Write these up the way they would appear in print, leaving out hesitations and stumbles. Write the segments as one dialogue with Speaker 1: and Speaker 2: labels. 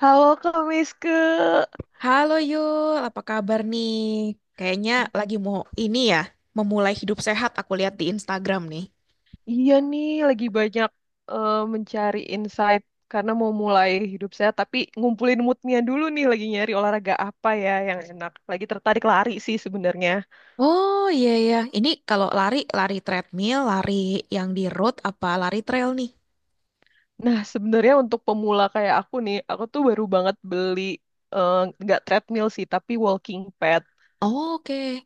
Speaker 1: Halo Kak Miske,
Speaker 2: Halo Yul, apa kabar nih? Kayaknya lagi mau ini ya, memulai hidup sehat aku lihat di Instagram nih.
Speaker 1: iya nih lagi banyak mencari insight karena mau mulai hidup saya, tapi ngumpulin moodnya dulu nih lagi nyari olahraga apa ya yang enak. Lagi tertarik lari sih sebenarnya.
Speaker 2: Oh iya iya, ini kalau lari lari treadmill, lari yang di road apa lari trail nih?
Speaker 1: Nah sebenarnya untuk pemula kayak aku nih, aku tuh baru banget beli eh, nggak treadmill sih, tapi walking pad.
Speaker 2: Oh, oke.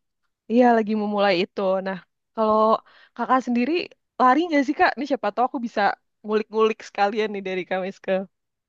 Speaker 1: Iya lagi memulai itu. Nah kalau kakak sendiri lari nggak sih Kak? Nih siapa tahu aku bisa ngulik-ngulik sekalian nih dari Kak Miske.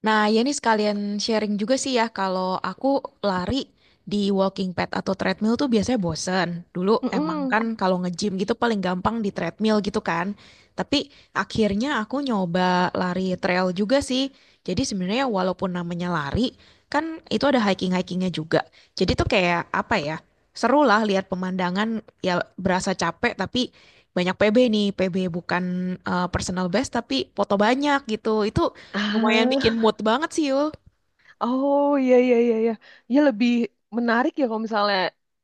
Speaker 2: Nah, ya ini sekalian sharing juga sih ya, kalau aku lari di walking pad atau treadmill tuh biasanya bosen. Dulu emang
Speaker 1: Mm-mm.
Speaker 2: kan kalau nge-gym gitu paling gampang di treadmill gitu kan. Tapi akhirnya aku nyoba lari trail juga sih. Jadi sebenarnya walaupun namanya lari, kan itu ada hiking-hikingnya juga. Jadi tuh kayak apa ya, seru lah lihat pemandangan ya berasa capek tapi banyak PB nih. PB bukan personal best tapi foto banyak gitu. Itu lumayan bikin
Speaker 1: Ah.
Speaker 2: mood banget sih, Yul.
Speaker 1: Oh iya iya iya iya. Ya lebih menarik ya kalau misalnya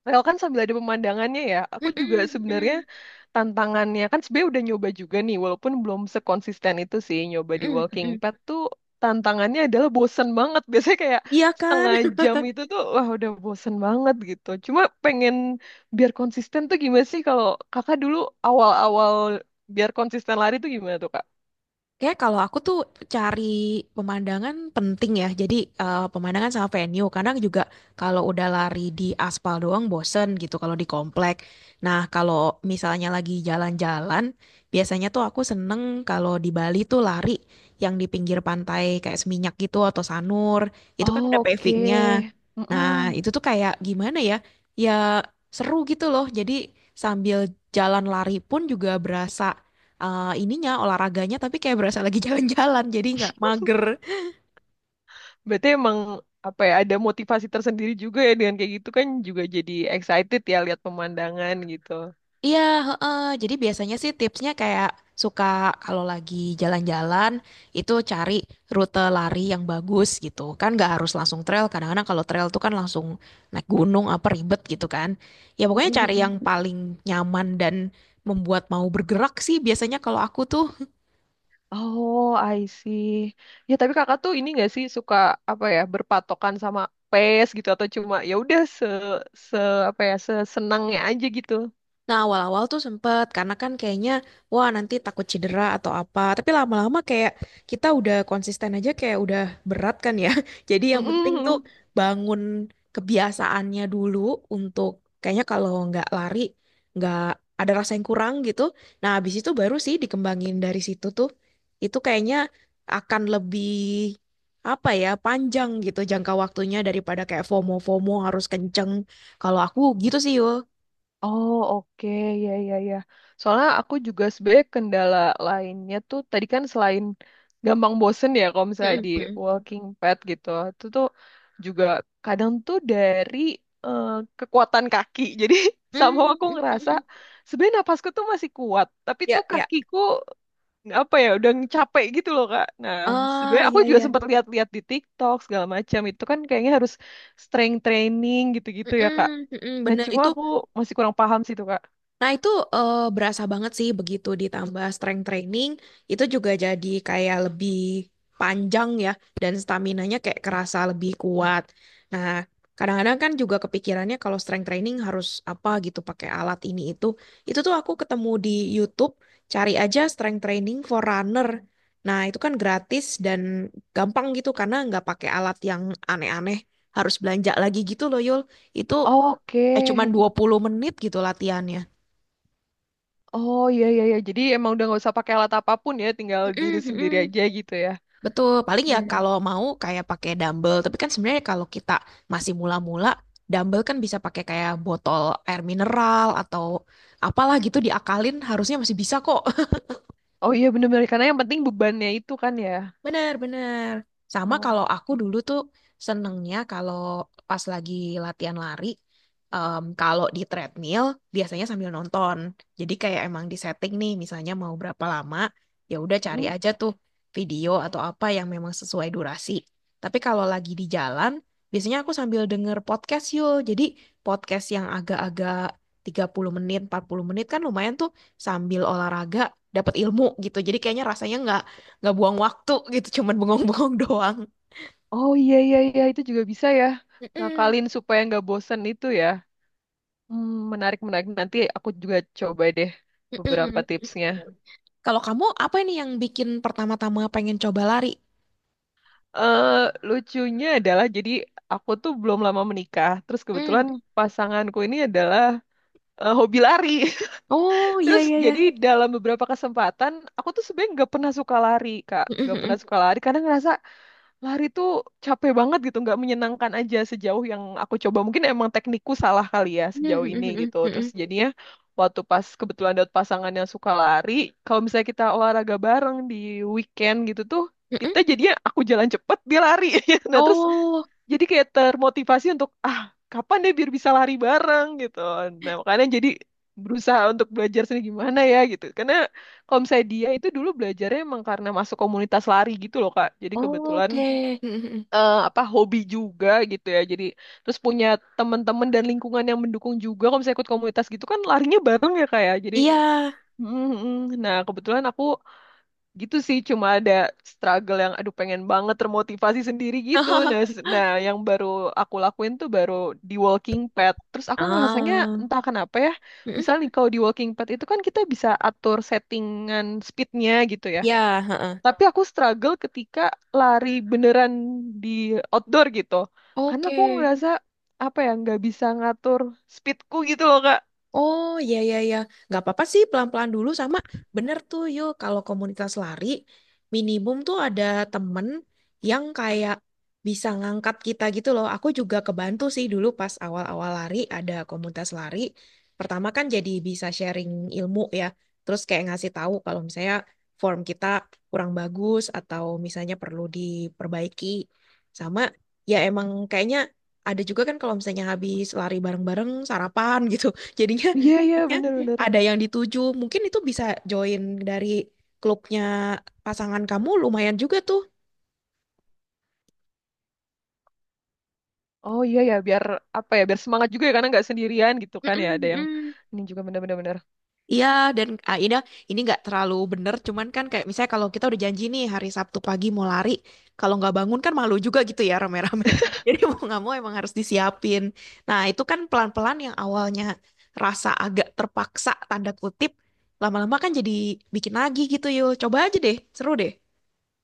Speaker 1: rel kan sambil ada pemandangannya ya. Aku juga
Speaker 2: Mm-mm,
Speaker 1: sebenarnya
Speaker 2: mm-mm,
Speaker 1: tantangannya kan sebenarnya udah nyoba juga nih walaupun belum sekonsisten itu sih nyoba di
Speaker 2: mm-mm,
Speaker 1: walking
Speaker 2: mm-mm.
Speaker 1: pad tuh tantangannya adalah bosen banget. Biasanya kayak
Speaker 2: Iya kan?
Speaker 1: setengah jam itu tuh wah udah bosen banget gitu. Cuma pengen biar konsisten tuh gimana sih kalau Kakak dulu awal-awal biar konsisten lari tuh gimana tuh Kak?
Speaker 2: Kayak kalau aku tuh cari pemandangan penting ya. Jadi pemandangan sama venue. Kadang juga kalau udah lari di aspal doang bosen gitu kalau di komplek. Nah kalau misalnya lagi jalan-jalan, biasanya tuh aku seneng kalau di Bali tuh lari yang di pinggir pantai kayak Seminyak gitu atau Sanur. Itu kan
Speaker 1: Oh,
Speaker 2: ada
Speaker 1: oke.
Speaker 2: pavingnya. Nah
Speaker 1: Mm-mm.
Speaker 2: itu tuh kayak gimana ya? Ya seru gitu loh. Jadi sambil jalan lari pun juga berasa ininya olahraganya tapi kayak berasa lagi jalan-jalan jadi nggak mager.
Speaker 1: Berarti emang apa ya ada motivasi tersendiri juga ya dengan kayak gitu kan juga jadi excited ya lihat pemandangan gitu.
Speaker 2: Iya, heeh. Jadi biasanya sih tipsnya kayak suka kalau lagi jalan-jalan itu cari rute lari yang bagus gitu. Kan nggak harus langsung trail. Kadang-kadang kalau trail tuh kan langsung naik gunung apa ribet gitu kan. Ya pokoknya cari yang
Speaker 1: Mm-mm-mm.
Speaker 2: paling nyaman dan membuat mau bergerak sih biasanya kalau aku tuh
Speaker 1: Oh, I see. Ya tapi kakak tuh ini nggak sih suka apa ya berpatokan sama pace gitu atau cuma ya udah se se apa ya sesenangnya aja gitu.
Speaker 2: Nah, awal-awal tuh sempet, karena kan kayaknya, wah nanti takut cedera atau apa. Tapi lama-lama kayak kita udah konsisten aja kayak udah berat kan ya. Jadi yang penting tuh
Speaker 1: Mm-mm.
Speaker 2: bangun kebiasaannya dulu untuk kayaknya kalau nggak lari, nggak ada rasa yang kurang gitu. Nah, habis itu baru sih dikembangin dari situ tuh. Itu kayaknya akan lebih apa ya panjang gitu jangka waktunya daripada kayak FOMO-FOMO harus kenceng. Kalau aku gitu sih yo.
Speaker 1: Oh oke ya ya ya. Soalnya aku juga sebenarnya kendala lainnya tuh tadi kan selain gampang bosen ya kalau misalnya di walking pad gitu, itu tuh juga kadang tuh dari eh, kekuatan kaki. Jadi sama
Speaker 2: Mm,
Speaker 1: aku
Speaker 2: mm, mm,
Speaker 1: ngerasa
Speaker 2: mm.
Speaker 1: sebenarnya napasku tuh masih kuat, tapi
Speaker 2: Ya,
Speaker 1: tuh
Speaker 2: ya.
Speaker 1: kakiku apa ya udah capek gitu loh Kak. Nah
Speaker 2: Ah,
Speaker 1: sebenarnya aku
Speaker 2: ya,
Speaker 1: juga
Speaker 2: ya.
Speaker 1: sempat lihat-lihat di TikTok segala macam itu kan kayaknya harus strength training gitu-gitu ya Kak.
Speaker 2: Mm-mm, mm-mm,
Speaker 1: Nah,
Speaker 2: bener
Speaker 1: cuma
Speaker 2: itu.
Speaker 1: aku masih kurang paham sih tuh, Kak.
Speaker 2: Nah, itu berasa banget sih begitu ditambah strength training, itu juga jadi kayak lebih panjang ya, dan staminanya kayak kerasa lebih kuat. Nah, kadang-kadang kan juga kepikirannya kalau strength training harus apa gitu pakai alat ini itu. Itu tuh aku ketemu di YouTube, cari aja strength training for runner. Nah, itu kan gratis dan gampang gitu karena nggak pakai alat yang aneh-aneh, harus belanja lagi gitu loh, Yul. Itu
Speaker 1: Oke.
Speaker 2: cuman
Speaker 1: Hmm.
Speaker 2: 20 menit gitu latihannya.
Speaker 1: Oh, iya, iya, iya. Jadi emang udah nggak usah pakai alat apapun ya, tinggal diri
Speaker 2: Mm-mm,
Speaker 1: sendiri
Speaker 2: mm-mm.
Speaker 1: aja gitu ya.
Speaker 2: Betul, paling ya
Speaker 1: Iya.
Speaker 2: kalau mau kayak pakai dumbbell, tapi kan sebenarnya kalau kita masih mula-mula, dumbbell kan bisa pakai kayak botol air mineral atau apalah gitu diakalin harusnya masih bisa kok.
Speaker 1: Oh iya, bener-bener. Karena yang penting bebannya itu kan ya.
Speaker 2: Benar-benar. Sama
Speaker 1: Oh,
Speaker 2: kalau aku dulu tuh senengnya kalau pas lagi latihan lari, kalau di treadmill biasanya sambil nonton. Jadi kayak emang di setting nih, misalnya mau berapa lama, ya udah cari
Speaker 1: mm.
Speaker 2: aja tuh video atau apa yang memang sesuai durasi. Tapi kalau lagi di jalan, biasanya aku sambil denger podcast yuk. Jadi podcast yang agak-agak 30 menit, 40 menit kan lumayan tuh sambil olahraga dapat ilmu gitu. Jadi kayaknya rasanya nggak buang waktu gitu cuman bengong-bengong doang.
Speaker 1: Oh iya, iya, iya. Itu juga bisa ya.
Speaker 2: Mm-mm.
Speaker 1: Ngakalin supaya nggak bosen itu ya. Menarik, menarik. Nanti aku juga coba deh beberapa
Speaker 2: Mm-mm.
Speaker 1: tipsnya.
Speaker 2: Kalau kamu apa ini yang bikin pertama-tama pengen coba lari?
Speaker 1: eh Lucunya adalah, jadi aku tuh belum lama menikah. Terus
Speaker 2: Mm.
Speaker 1: kebetulan pasanganku ini adalah hobi lari.
Speaker 2: Oh iya
Speaker 1: Terus
Speaker 2: iya iya.
Speaker 1: jadi dalam beberapa kesempatan aku tuh sebenarnya nggak pernah suka lari kak, nggak pernah
Speaker 2: Mm-mm.
Speaker 1: suka lari karena ngerasa lari tuh capek banget gitu, nggak menyenangkan aja sejauh yang aku coba. Mungkin emang teknikku salah kali ya sejauh ini
Speaker 2: Mm-mm.
Speaker 1: gitu. Terus
Speaker 2: Mm-mm.
Speaker 1: jadinya waktu pas kebetulan dapet pasangan yang suka lari, kalau misalnya kita olahraga bareng di weekend gitu tuh,
Speaker 2: Mm-mm.
Speaker 1: kita jadinya aku jalan cepet dia lari. Nah terus
Speaker 2: Oh
Speaker 1: jadi kayak termotivasi untuk ah kapan deh biar bisa lari bareng gitu nah makanya jadi berusaha untuk belajar sendiri gimana ya gitu karena kalau misalnya dia itu dulu belajarnya emang karena masuk komunitas lari gitu loh Kak jadi kebetulan
Speaker 2: oke. Mm-mm.
Speaker 1: apa hobi juga gitu ya jadi terus punya teman-teman dan lingkungan yang mendukung juga kalau misalnya ikut komunitas gitu kan larinya bareng ya Kak ya jadi
Speaker 2: Iya.
Speaker 1: mm, mm. Nah kebetulan aku gitu sih cuma ada struggle yang aduh pengen banget termotivasi sendiri gitu nah nah yang baru aku lakuin tuh baru di walking pad terus aku ngerasanya
Speaker 2: Ah.
Speaker 1: entah kenapa ya
Speaker 2: Mm-mm.
Speaker 1: misalnya nih, kalau di walking pad itu kan kita bisa atur settingan speednya gitu ya
Speaker 2: Iya. Heeh.
Speaker 1: tapi aku struggle ketika lari beneran di outdoor gitu karena aku
Speaker 2: Oke.
Speaker 1: ngerasa apa ya nggak bisa ngatur speedku gitu loh kak
Speaker 2: Oh ya ya ya, nggak apa-apa sih pelan-pelan dulu sama bener tuh yuk kalau komunitas lari minimum tuh ada temen yang kayak bisa ngangkat kita gitu loh. Aku juga kebantu sih dulu pas awal-awal lari ada komunitas lari. Pertama kan jadi bisa sharing ilmu ya, terus kayak ngasih tahu kalau misalnya form kita kurang bagus atau misalnya perlu diperbaiki. Sama ya emang kayaknya ada juga kan kalau misalnya habis lari bareng-bareng sarapan gitu. Jadinya,
Speaker 1: iya iya
Speaker 2: jadinya
Speaker 1: bener-bener.
Speaker 2: ada yang dituju. Mungkin itu bisa join dari klubnya pasangan kamu lumayan juga tuh.
Speaker 1: Oh iya ya, biar apa ya, biar semangat juga ya karena nggak sendirian gitu
Speaker 2: Mm,
Speaker 1: kan ya. Ada yang
Speaker 2: mm-mm. Mm.
Speaker 1: ini juga benar-benar. Benar.
Speaker 2: Iya, dan ah, ini nggak terlalu bener, cuman kan kayak misalnya kalau kita udah janji nih hari Sabtu pagi mau lari, kalau nggak bangun kan malu juga gitu ya rame-rame. Jadi mau nggak mau emang harus disiapin. Nah, itu kan pelan-pelan yang awalnya rasa agak terpaksa tanda kutip, lama-lama kan jadi bikin lagi gitu yuk. Coba aja deh, seru deh.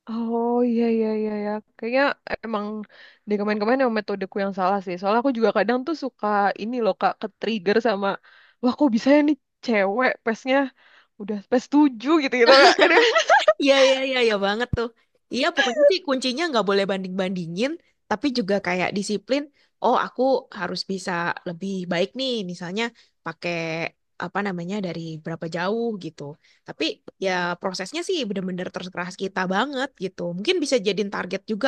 Speaker 1: Oh iya iya iya ya. Kayaknya emang di kemarin-kemarin emang metodeku yang salah sih. Soalnya aku juga kadang tuh suka ini loh Kak, ke-trigger sama wah kok bisa ya nih cewek pesnya udah pes 7 gitu gitu Kak. Kan ya?
Speaker 2: Iya, iya, iya, iya banget tuh. Iya, pokoknya sih kuncinya nggak boleh banding-bandingin, tapi juga kayak disiplin. Oh, aku harus bisa lebih baik nih, misalnya pakai apa namanya dari berapa jauh gitu. Tapi ya prosesnya sih bener-bener terserah kita banget gitu. Mungkin bisa jadiin target juga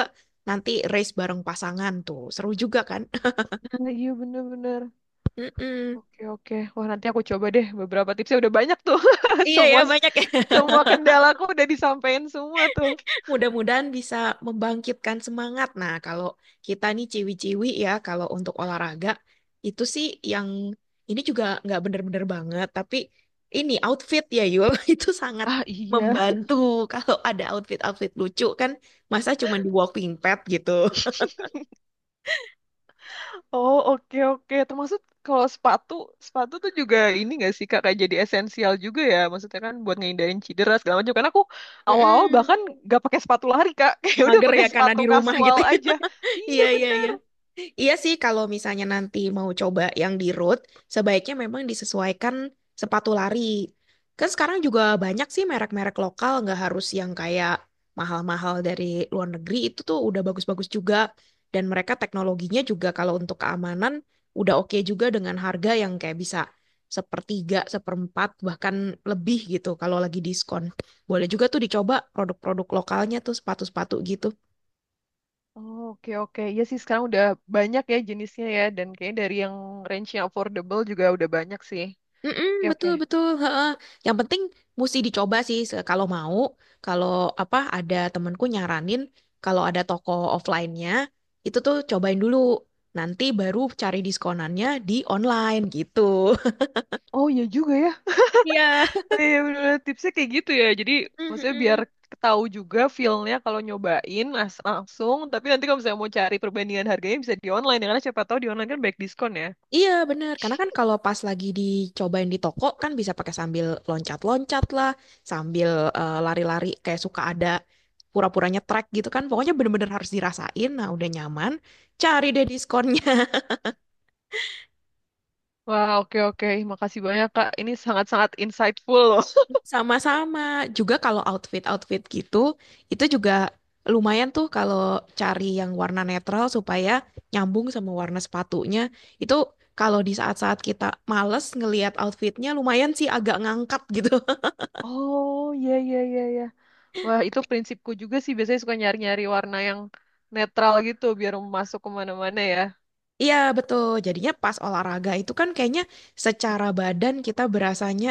Speaker 2: nanti race bareng pasangan tuh. Seru juga kan?
Speaker 1: Nah, iya bener-bener.
Speaker 2: Mm-mm.
Speaker 1: Oke oke. Wah nanti aku coba deh beberapa tipsnya udah banyak tuh.
Speaker 2: Iya ya,
Speaker 1: Semua
Speaker 2: banyak ya.
Speaker 1: semua kendalaku udah disampaikan semua tuh.
Speaker 2: Mudah-mudahan bisa membangkitkan semangat. Nah, kalau kita nih ciwi-ciwi ya, kalau untuk olahraga, itu sih yang ini juga nggak bener-bener banget. Tapi ini outfit ya Yul, itu sangat
Speaker 1: Ah iya.
Speaker 2: membantu. Kalau ada outfit-outfit lucu kan, masa cuma di walking pad gitu.
Speaker 1: Oh oke oke. Termasuk kalau sepatu sepatu tuh juga ini gak sih kak kayak jadi esensial juga ya maksudnya kan buat ngehindarin cedera segala macam karena aku awal-awal
Speaker 2: Mm-mm.
Speaker 1: bahkan gak pakai sepatu lari kak kayak udah
Speaker 2: Mager
Speaker 1: pakai
Speaker 2: ya karena
Speaker 1: sepatu
Speaker 2: di rumah
Speaker 1: kasual
Speaker 2: gitu.
Speaker 1: aja iya
Speaker 2: Iya, iya,
Speaker 1: bener.
Speaker 2: iya. Iya sih, kalau misalnya nanti mau coba yang di road, sebaiknya memang disesuaikan sepatu lari. Kan sekarang juga banyak sih merek-merek lokal, nggak harus yang kayak mahal-mahal dari luar negeri, itu tuh udah bagus-bagus juga. Dan mereka teknologinya juga kalau untuk keamanan, udah oke juga dengan harga yang kayak bisa sepertiga, seperempat, bahkan lebih gitu kalau lagi diskon. Boleh juga tuh dicoba produk-produk lokalnya tuh sepatu-sepatu gitu.
Speaker 1: Oh, oke oke. Iya sih sekarang udah banyak ya jenisnya ya dan kayaknya dari yang range yang affordable juga udah banyak sih
Speaker 2: Mm-mm,
Speaker 1: oke oke.
Speaker 2: betul betul. Heeh. Yang penting mesti dicoba sih kalau mau. Kalau apa ada temenku nyaranin kalau ada toko offline-nya itu tuh cobain dulu. Nanti baru cari diskonannya di online gitu.
Speaker 1: Oh iya juga ya.
Speaker 2: Iya.
Speaker 1: Oh iya bener, tipsnya kayak gitu ya. Jadi maksudnya biar
Speaker 2: Mm-mm.
Speaker 1: tahu juga feel-nya kalau nyobain langsung. Tapi nanti kalau misalnya mau cari perbandingan harganya bisa di online, ya. Karena siapa tahu di online kan banyak diskon ya.
Speaker 2: Iya bener, karena kan kalau pas lagi dicobain di toko kan bisa pakai sambil loncat-loncat lah, sambil lari-lari kayak suka ada pura-puranya track gitu kan. Pokoknya bener-bener harus dirasain, nah udah nyaman, cari deh diskonnya.
Speaker 1: Wah oke oke. Makasih banyak Kak. Ini sangat-sangat insightful loh.
Speaker 2: Sama-sama. Juga kalau outfit-outfit gitu, itu juga lumayan tuh kalau cari yang warna netral supaya nyambung sama warna sepatunya. Itu kalau di saat-saat kita males ngelihat outfitnya lumayan sih agak ngangkat gitu.
Speaker 1: Oh iya iya iya iya. Wah itu prinsipku juga sih. Biasanya suka nyari-nyari warna yang netral gitu biar masuk kemana-mana ya.
Speaker 2: Iya, betul. Jadinya pas olahraga itu kan kayaknya secara badan kita berasanya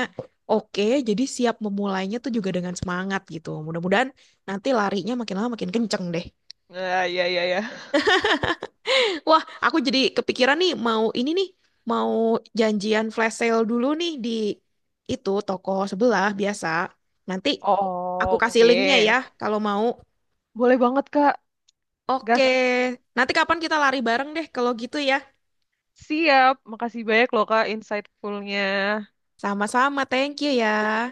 Speaker 2: oke, jadi siap memulainya tuh juga dengan semangat gitu. Mudah-mudahan nanti larinya makin lama makin kenceng deh.
Speaker 1: Nah iya iya iya.
Speaker 2: Wah, aku jadi kepikiran nih mau ini nih, mau janjian flash sale dulu nih di itu toko sebelah biasa. Nanti aku kasih linknya ya
Speaker 1: Oke.
Speaker 2: kalau mau.
Speaker 1: Boleh banget Kak.
Speaker 2: Oke,
Speaker 1: Gas.
Speaker 2: nanti kapan kita lari bareng deh kalau gitu ya.
Speaker 1: Siap, makasih banyak loh Kak insightful-nya.
Speaker 2: Sama-sama, thank you ya.